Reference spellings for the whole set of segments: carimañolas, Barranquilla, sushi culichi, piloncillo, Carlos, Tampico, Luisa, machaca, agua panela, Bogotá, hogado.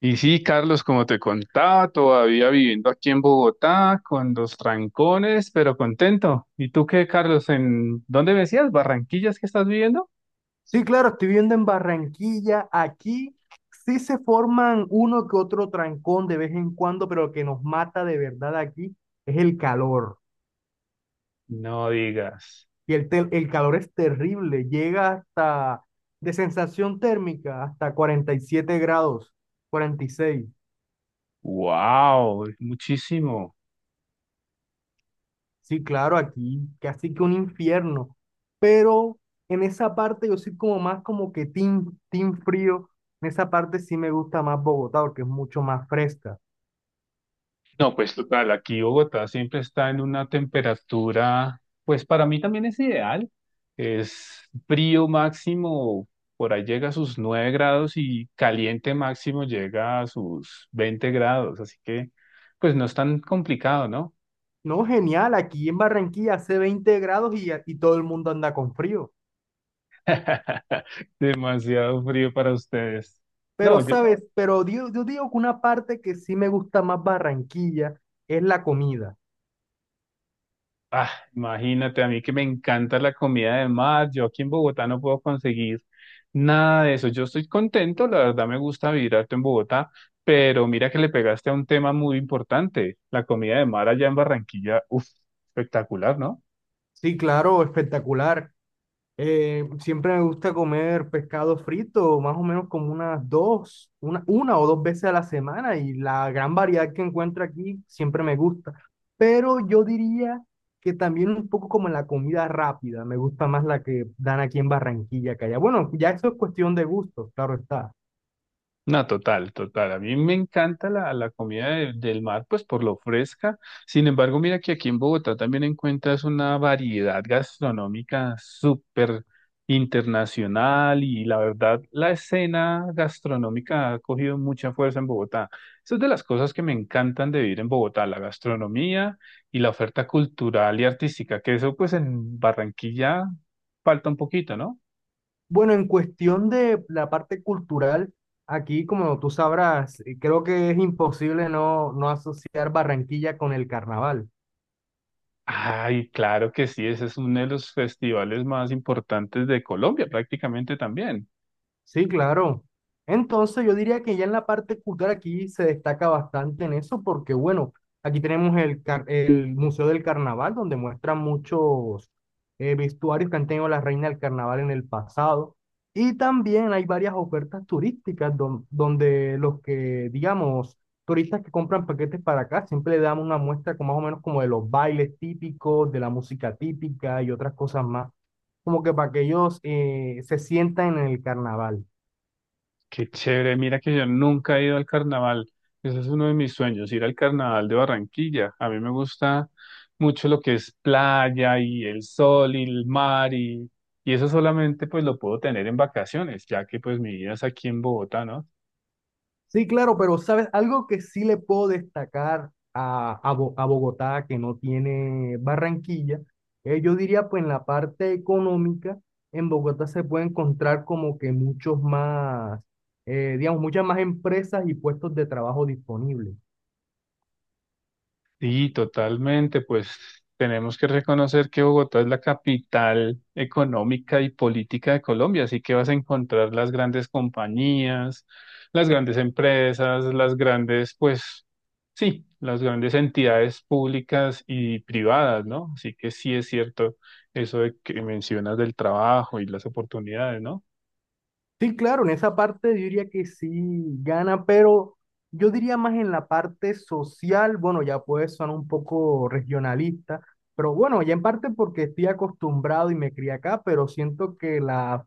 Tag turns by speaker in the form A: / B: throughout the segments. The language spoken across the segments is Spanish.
A: Y sí, Carlos, como te contaba, todavía viviendo aquí en Bogotá, con los trancones, pero contento. ¿Y tú qué, Carlos? ¿En dónde me decías? ¿Barranquillas que estás viviendo?
B: Sí, claro, estoy viendo en Barranquilla, aquí sí se forman uno que otro trancón de vez en cuando, pero lo que nos mata de verdad aquí es el calor.
A: No digas.
B: El calor es terrible, llega hasta de sensación térmica hasta 47 grados, 46.
A: ¡Wow! Muchísimo.
B: Sí, claro, aquí casi que un infierno. Pero en esa parte yo soy como más como que team frío. En esa parte sí me gusta más Bogotá porque es mucho más fresca.
A: No, pues total, aquí Bogotá siempre está en una temperatura, pues para mí también es ideal, es frío máximo, por ahí llega a sus 9 grados y caliente máximo llega a sus 20 grados, así que pues no es tan complicado, ¿no?
B: No, genial, aquí en Barranquilla hace 20 grados y todo el mundo anda con frío.
A: Demasiado frío para ustedes.
B: Pero,
A: No, yo.
B: ¿sabes? Pero yo digo que una parte que sí me gusta más Barranquilla es la comida.
A: Ah, imagínate, a mí que me encanta la comida de mar. Yo aquí en Bogotá no puedo conseguir nada de eso. Yo estoy contento, la verdad me gusta vivir harto en Bogotá, pero mira que le pegaste a un tema muy importante, la comida de mar allá en Barranquilla, uff, espectacular, ¿no?
B: Sí, claro, espectacular. Siempre me gusta comer pescado frito, más o menos como unas una o dos veces a la semana, y la gran variedad que encuentro aquí siempre me gusta. Pero yo diría que también un poco como en la comida rápida, me gusta más la que dan aquí en Barranquilla que allá. Bueno, ya eso es cuestión de gustos, claro está.
A: No, total, total. A mí me encanta la comida del mar, pues por lo fresca. Sin embargo, mira que aquí en Bogotá también encuentras una variedad gastronómica súper internacional y la verdad, la escena gastronómica ha cogido mucha fuerza en Bogotá. Eso es de las cosas que me encantan de vivir en Bogotá, la gastronomía y la oferta cultural y artística, que eso pues en Barranquilla falta un poquito, ¿no?
B: Bueno, en cuestión de la parte cultural, aquí como tú sabrás, creo que es imposible no asociar Barranquilla con el carnaval.
A: Ay, claro que sí, ese es uno de los festivales más importantes de Colombia, prácticamente también.
B: Sí, claro. Entonces yo diría que ya en la parte cultural aquí se destaca bastante en eso porque, bueno, aquí tenemos el Museo del Carnaval, donde muestran muchos vestuarios que han tenido la reina del carnaval en el pasado. Y también hay varias ofertas turísticas donde los que, digamos, turistas que compran paquetes para acá siempre le damos una muestra con más o menos como de los bailes típicos, de la música típica y otras cosas más, como que para que ellos se sientan en el carnaval.
A: Qué chévere, mira que yo nunca he ido al carnaval. Ese es uno de mis sueños, ir al carnaval de Barranquilla. A mí me gusta mucho lo que es playa y el sol y el mar y eso solamente pues lo puedo tener en vacaciones, ya que pues mi vida es aquí en Bogotá, ¿no?
B: Sí, claro, pero sabes, algo que sí le puedo destacar a Bogotá, que no tiene Barranquilla, yo diría pues en la parte económica, en Bogotá se puede encontrar como que muchos más, digamos, muchas más empresas y puestos de trabajo disponibles.
A: Sí, totalmente. Pues tenemos que reconocer que Bogotá es la capital económica y política de Colombia, así que vas a encontrar las grandes compañías, las grandes empresas, las grandes, pues sí, las grandes entidades públicas y privadas, ¿no? Así que sí es cierto eso de que mencionas del trabajo y las oportunidades, ¿no?
B: Sí, claro, en esa parte yo diría que sí gana, pero yo diría más en la parte social. Bueno, ya puede sonar un poco regionalista, pero bueno, ya en parte porque estoy acostumbrado y me crié acá, pero siento que la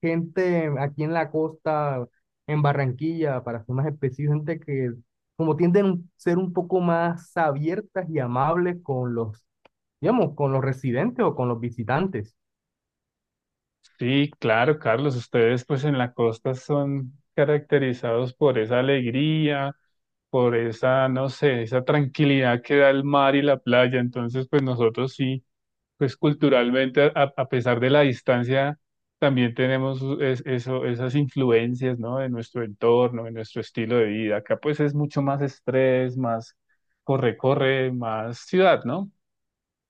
B: gente aquí en la costa, en Barranquilla, para ser más específico, gente que como tienden a ser un poco más abiertas y amables con los, digamos, con los residentes o con los visitantes.
A: Sí, claro, Carlos, ustedes pues en la costa son caracterizados por esa alegría, por esa, no sé, esa tranquilidad que da el mar y la playa. Entonces, pues nosotros sí, pues culturalmente, a pesar de la distancia, también tenemos eso, esas influencias, ¿no? De nuestro entorno, de nuestro estilo de vida. Acá pues es mucho más estrés, más corre-corre, más ciudad, ¿no?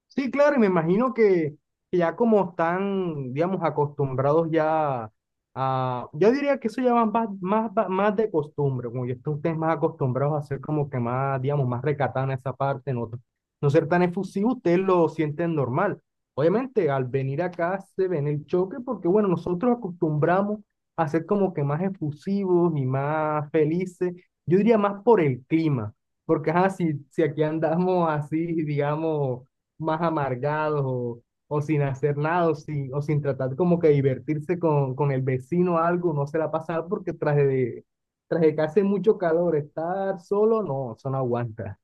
B: Sí, claro, y me imagino que ya como están, digamos, acostumbrados ya a, yo diría que eso ya va más de costumbre, como ya están ustedes más acostumbrados a ser como que más, digamos, más recatados en esa parte, no, no ser tan efusivos, ustedes lo sienten normal. Obviamente, al venir acá se ven el choque porque, bueno, nosotros acostumbramos a ser como que más efusivos y más felices, yo diría más por el clima, porque, así si aquí andamos así, digamos más amargados o sin hacer nada o sin, o sin tratar como que divertirse con el vecino o algo, no se la pasa porque tras de que hace mucho calor, estar solo, no, eso no aguanta.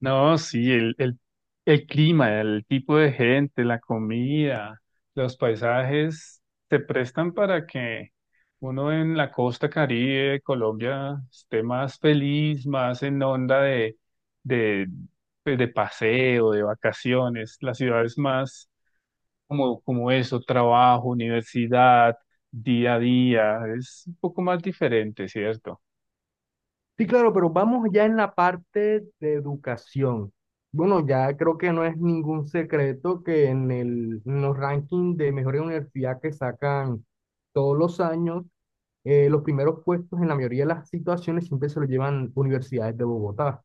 A: No, sí, el clima, el tipo de gente, la comida, los paisajes se prestan para que uno en la costa Caribe de Colombia esté más feliz, más en onda de, pues, de paseo, de vacaciones. La ciudad es más como eso, trabajo, universidad, día a día, es un poco más diferente, ¿cierto?
B: Sí, claro, pero vamos ya en la parte de educación. Bueno, ya creo que no es ningún secreto que en el, en los rankings de mejor universidad que sacan todos los años, los primeros puestos en la mayoría de las situaciones siempre se lo llevan universidades de Bogotá.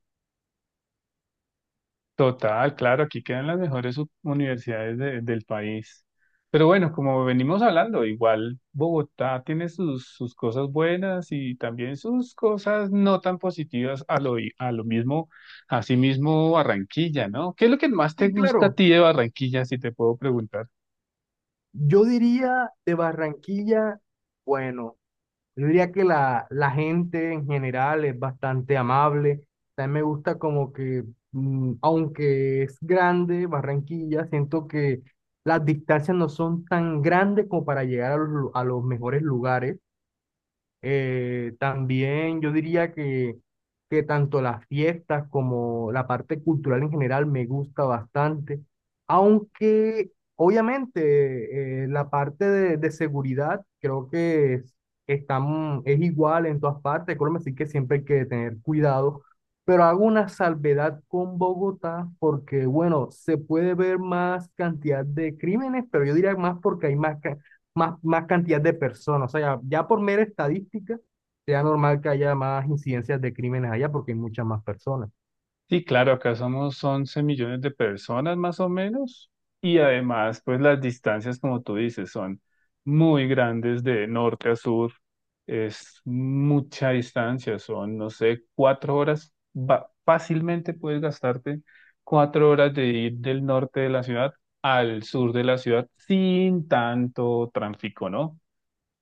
A: Total, claro, aquí quedan las mejores universidades del país. Pero bueno, como venimos hablando, igual Bogotá tiene sus, sus cosas buenas y también sus cosas no tan positivas a lo, a lo mismo, así mismo Barranquilla, ¿no? ¿Qué es lo que más te
B: Sí,
A: gusta a
B: claro,
A: ti de Barranquilla, si te puedo preguntar?
B: yo diría de Barranquilla, bueno, yo diría que la gente en general es bastante amable. También me gusta como que, aunque es grande Barranquilla, siento que las distancias no son tan grandes como para llegar a los mejores lugares. También yo diría que tanto las fiestas como la parte cultural en general me gusta bastante, aunque obviamente la parte de seguridad creo que es igual en todas partes, Colombia, así que siempre hay que tener cuidado, pero hago una salvedad con Bogotá porque, bueno, se puede ver más cantidad de crímenes, pero yo diría más porque hay más cantidad de personas. O sea, ya por mera estadística, sea normal que haya más incidencias de crímenes allá porque hay muchas más personas.
A: Sí, claro, acá somos 11 millones de personas más o menos y además pues las distancias como tú dices son muy grandes de norte a sur, es mucha distancia, son no sé, 4 horas, fácilmente puedes gastarte 4 horas de ir del norte de la ciudad al sur de la ciudad sin tanto tráfico, ¿no?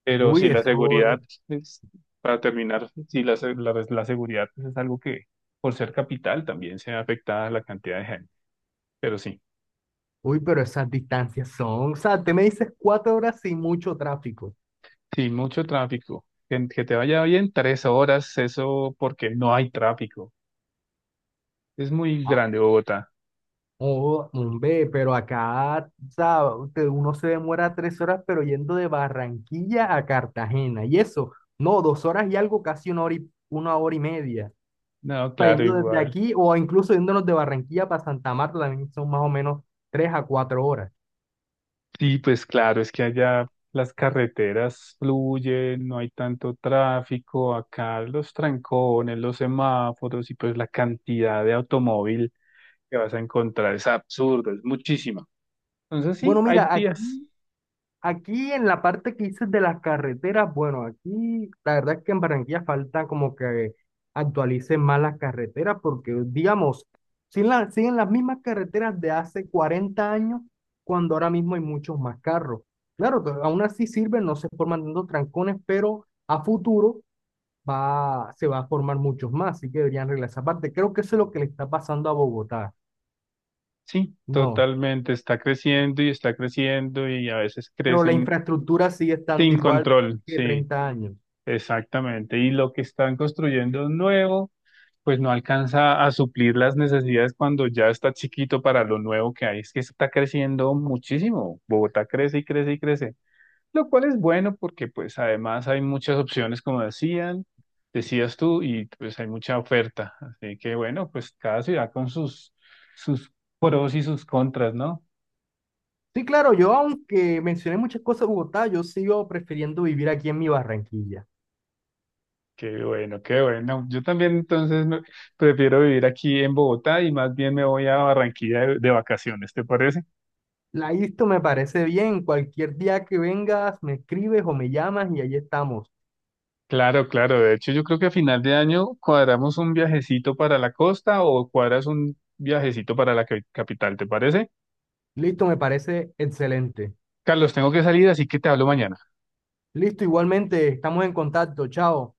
A: Pero
B: Uy,
A: sí, la
B: eso,
A: seguridad es, para terminar, sí, la, la, seguridad pues, es algo que por ser capital también se ve afectada la cantidad de gente. Pero sí,
B: uy, pero esas distancias son, o sea, te me dices 4 horas sin mucho tráfico.
A: sí, mucho tráfico. Que te vaya bien 3 horas, eso porque no hay tráfico. Es muy
B: Ah,
A: grande Bogotá.
B: oh, hombre, pero acá, o sea, uno se demora 3 horas, pero yendo de Barranquilla a Cartagena. Y eso, no, 2 horas y algo, casi 1 hora y media.
A: No,
B: Sea,
A: claro,
B: yendo desde
A: igual.
B: aquí o incluso yéndonos de Barranquilla para Santa Marta también son más o menos 3 a 4 horas.
A: Sí, pues claro, es que allá las carreteras fluyen, no hay tanto tráfico, acá los trancones, los semáforos y pues la cantidad de automóvil que vas a encontrar es absurdo, es muchísima. Entonces sí,
B: Bueno,
A: hay
B: mira,
A: días,
B: aquí en la parte que dices de las carreteras, bueno, aquí la verdad es que en Barranquilla falta como que actualicen más las carreteras porque, digamos, siguen las mismas carreteras de hace 40 años, cuando ahora mismo hay muchos más carros. Claro, pero aún así sirven, no se forman tantos trancones, pero a futuro se va a formar muchos más, así que deberían arreglar esa parte. Creo que eso es lo que le está pasando a Bogotá.
A: sí,
B: No,
A: totalmente, está creciendo y a veces
B: pero la
A: crecen
B: infraestructura sigue estando
A: sin
B: igual
A: control,
B: de
A: sí,
B: 30 años.
A: exactamente. Y lo que están construyendo nuevo pues no alcanza a suplir las necesidades cuando ya está chiquito para lo nuevo que hay. Es que está creciendo muchísimo. Bogotá crece y crece y crece, lo cual es bueno porque pues además hay muchas opciones, como decían, decías tú, y pues hay mucha oferta. Así que bueno, pues cada ciudad con sus, sus pros y sus contras, ¿no?
B: Sí, claro, yo aunque mencioné muchas cosas de Bogotá, yo sigo prefiriendo vivir aquí en mi Barranquilla.
A: Qué bueno, qué bueno. Yo también entonces prefiero vivir aquí en Bogotá y más bien me voy a Barranquilla de vacaciones, ¿te parece?
B: La ISTO me parece bien, cualquier día que vengas me escribes o me llamas y ahí estamos.
A: Claro, claro. De hecho, yo creo que a final de año cuadramos un viajecito para la costa o cuadras un viajecito para la capital, ¿te parece?
B: Listo, me parece excelente.
A: Carlos, tengo que salir, así que te hablo mañana.
B: Listo, igualmente, estamos en contacto, chao.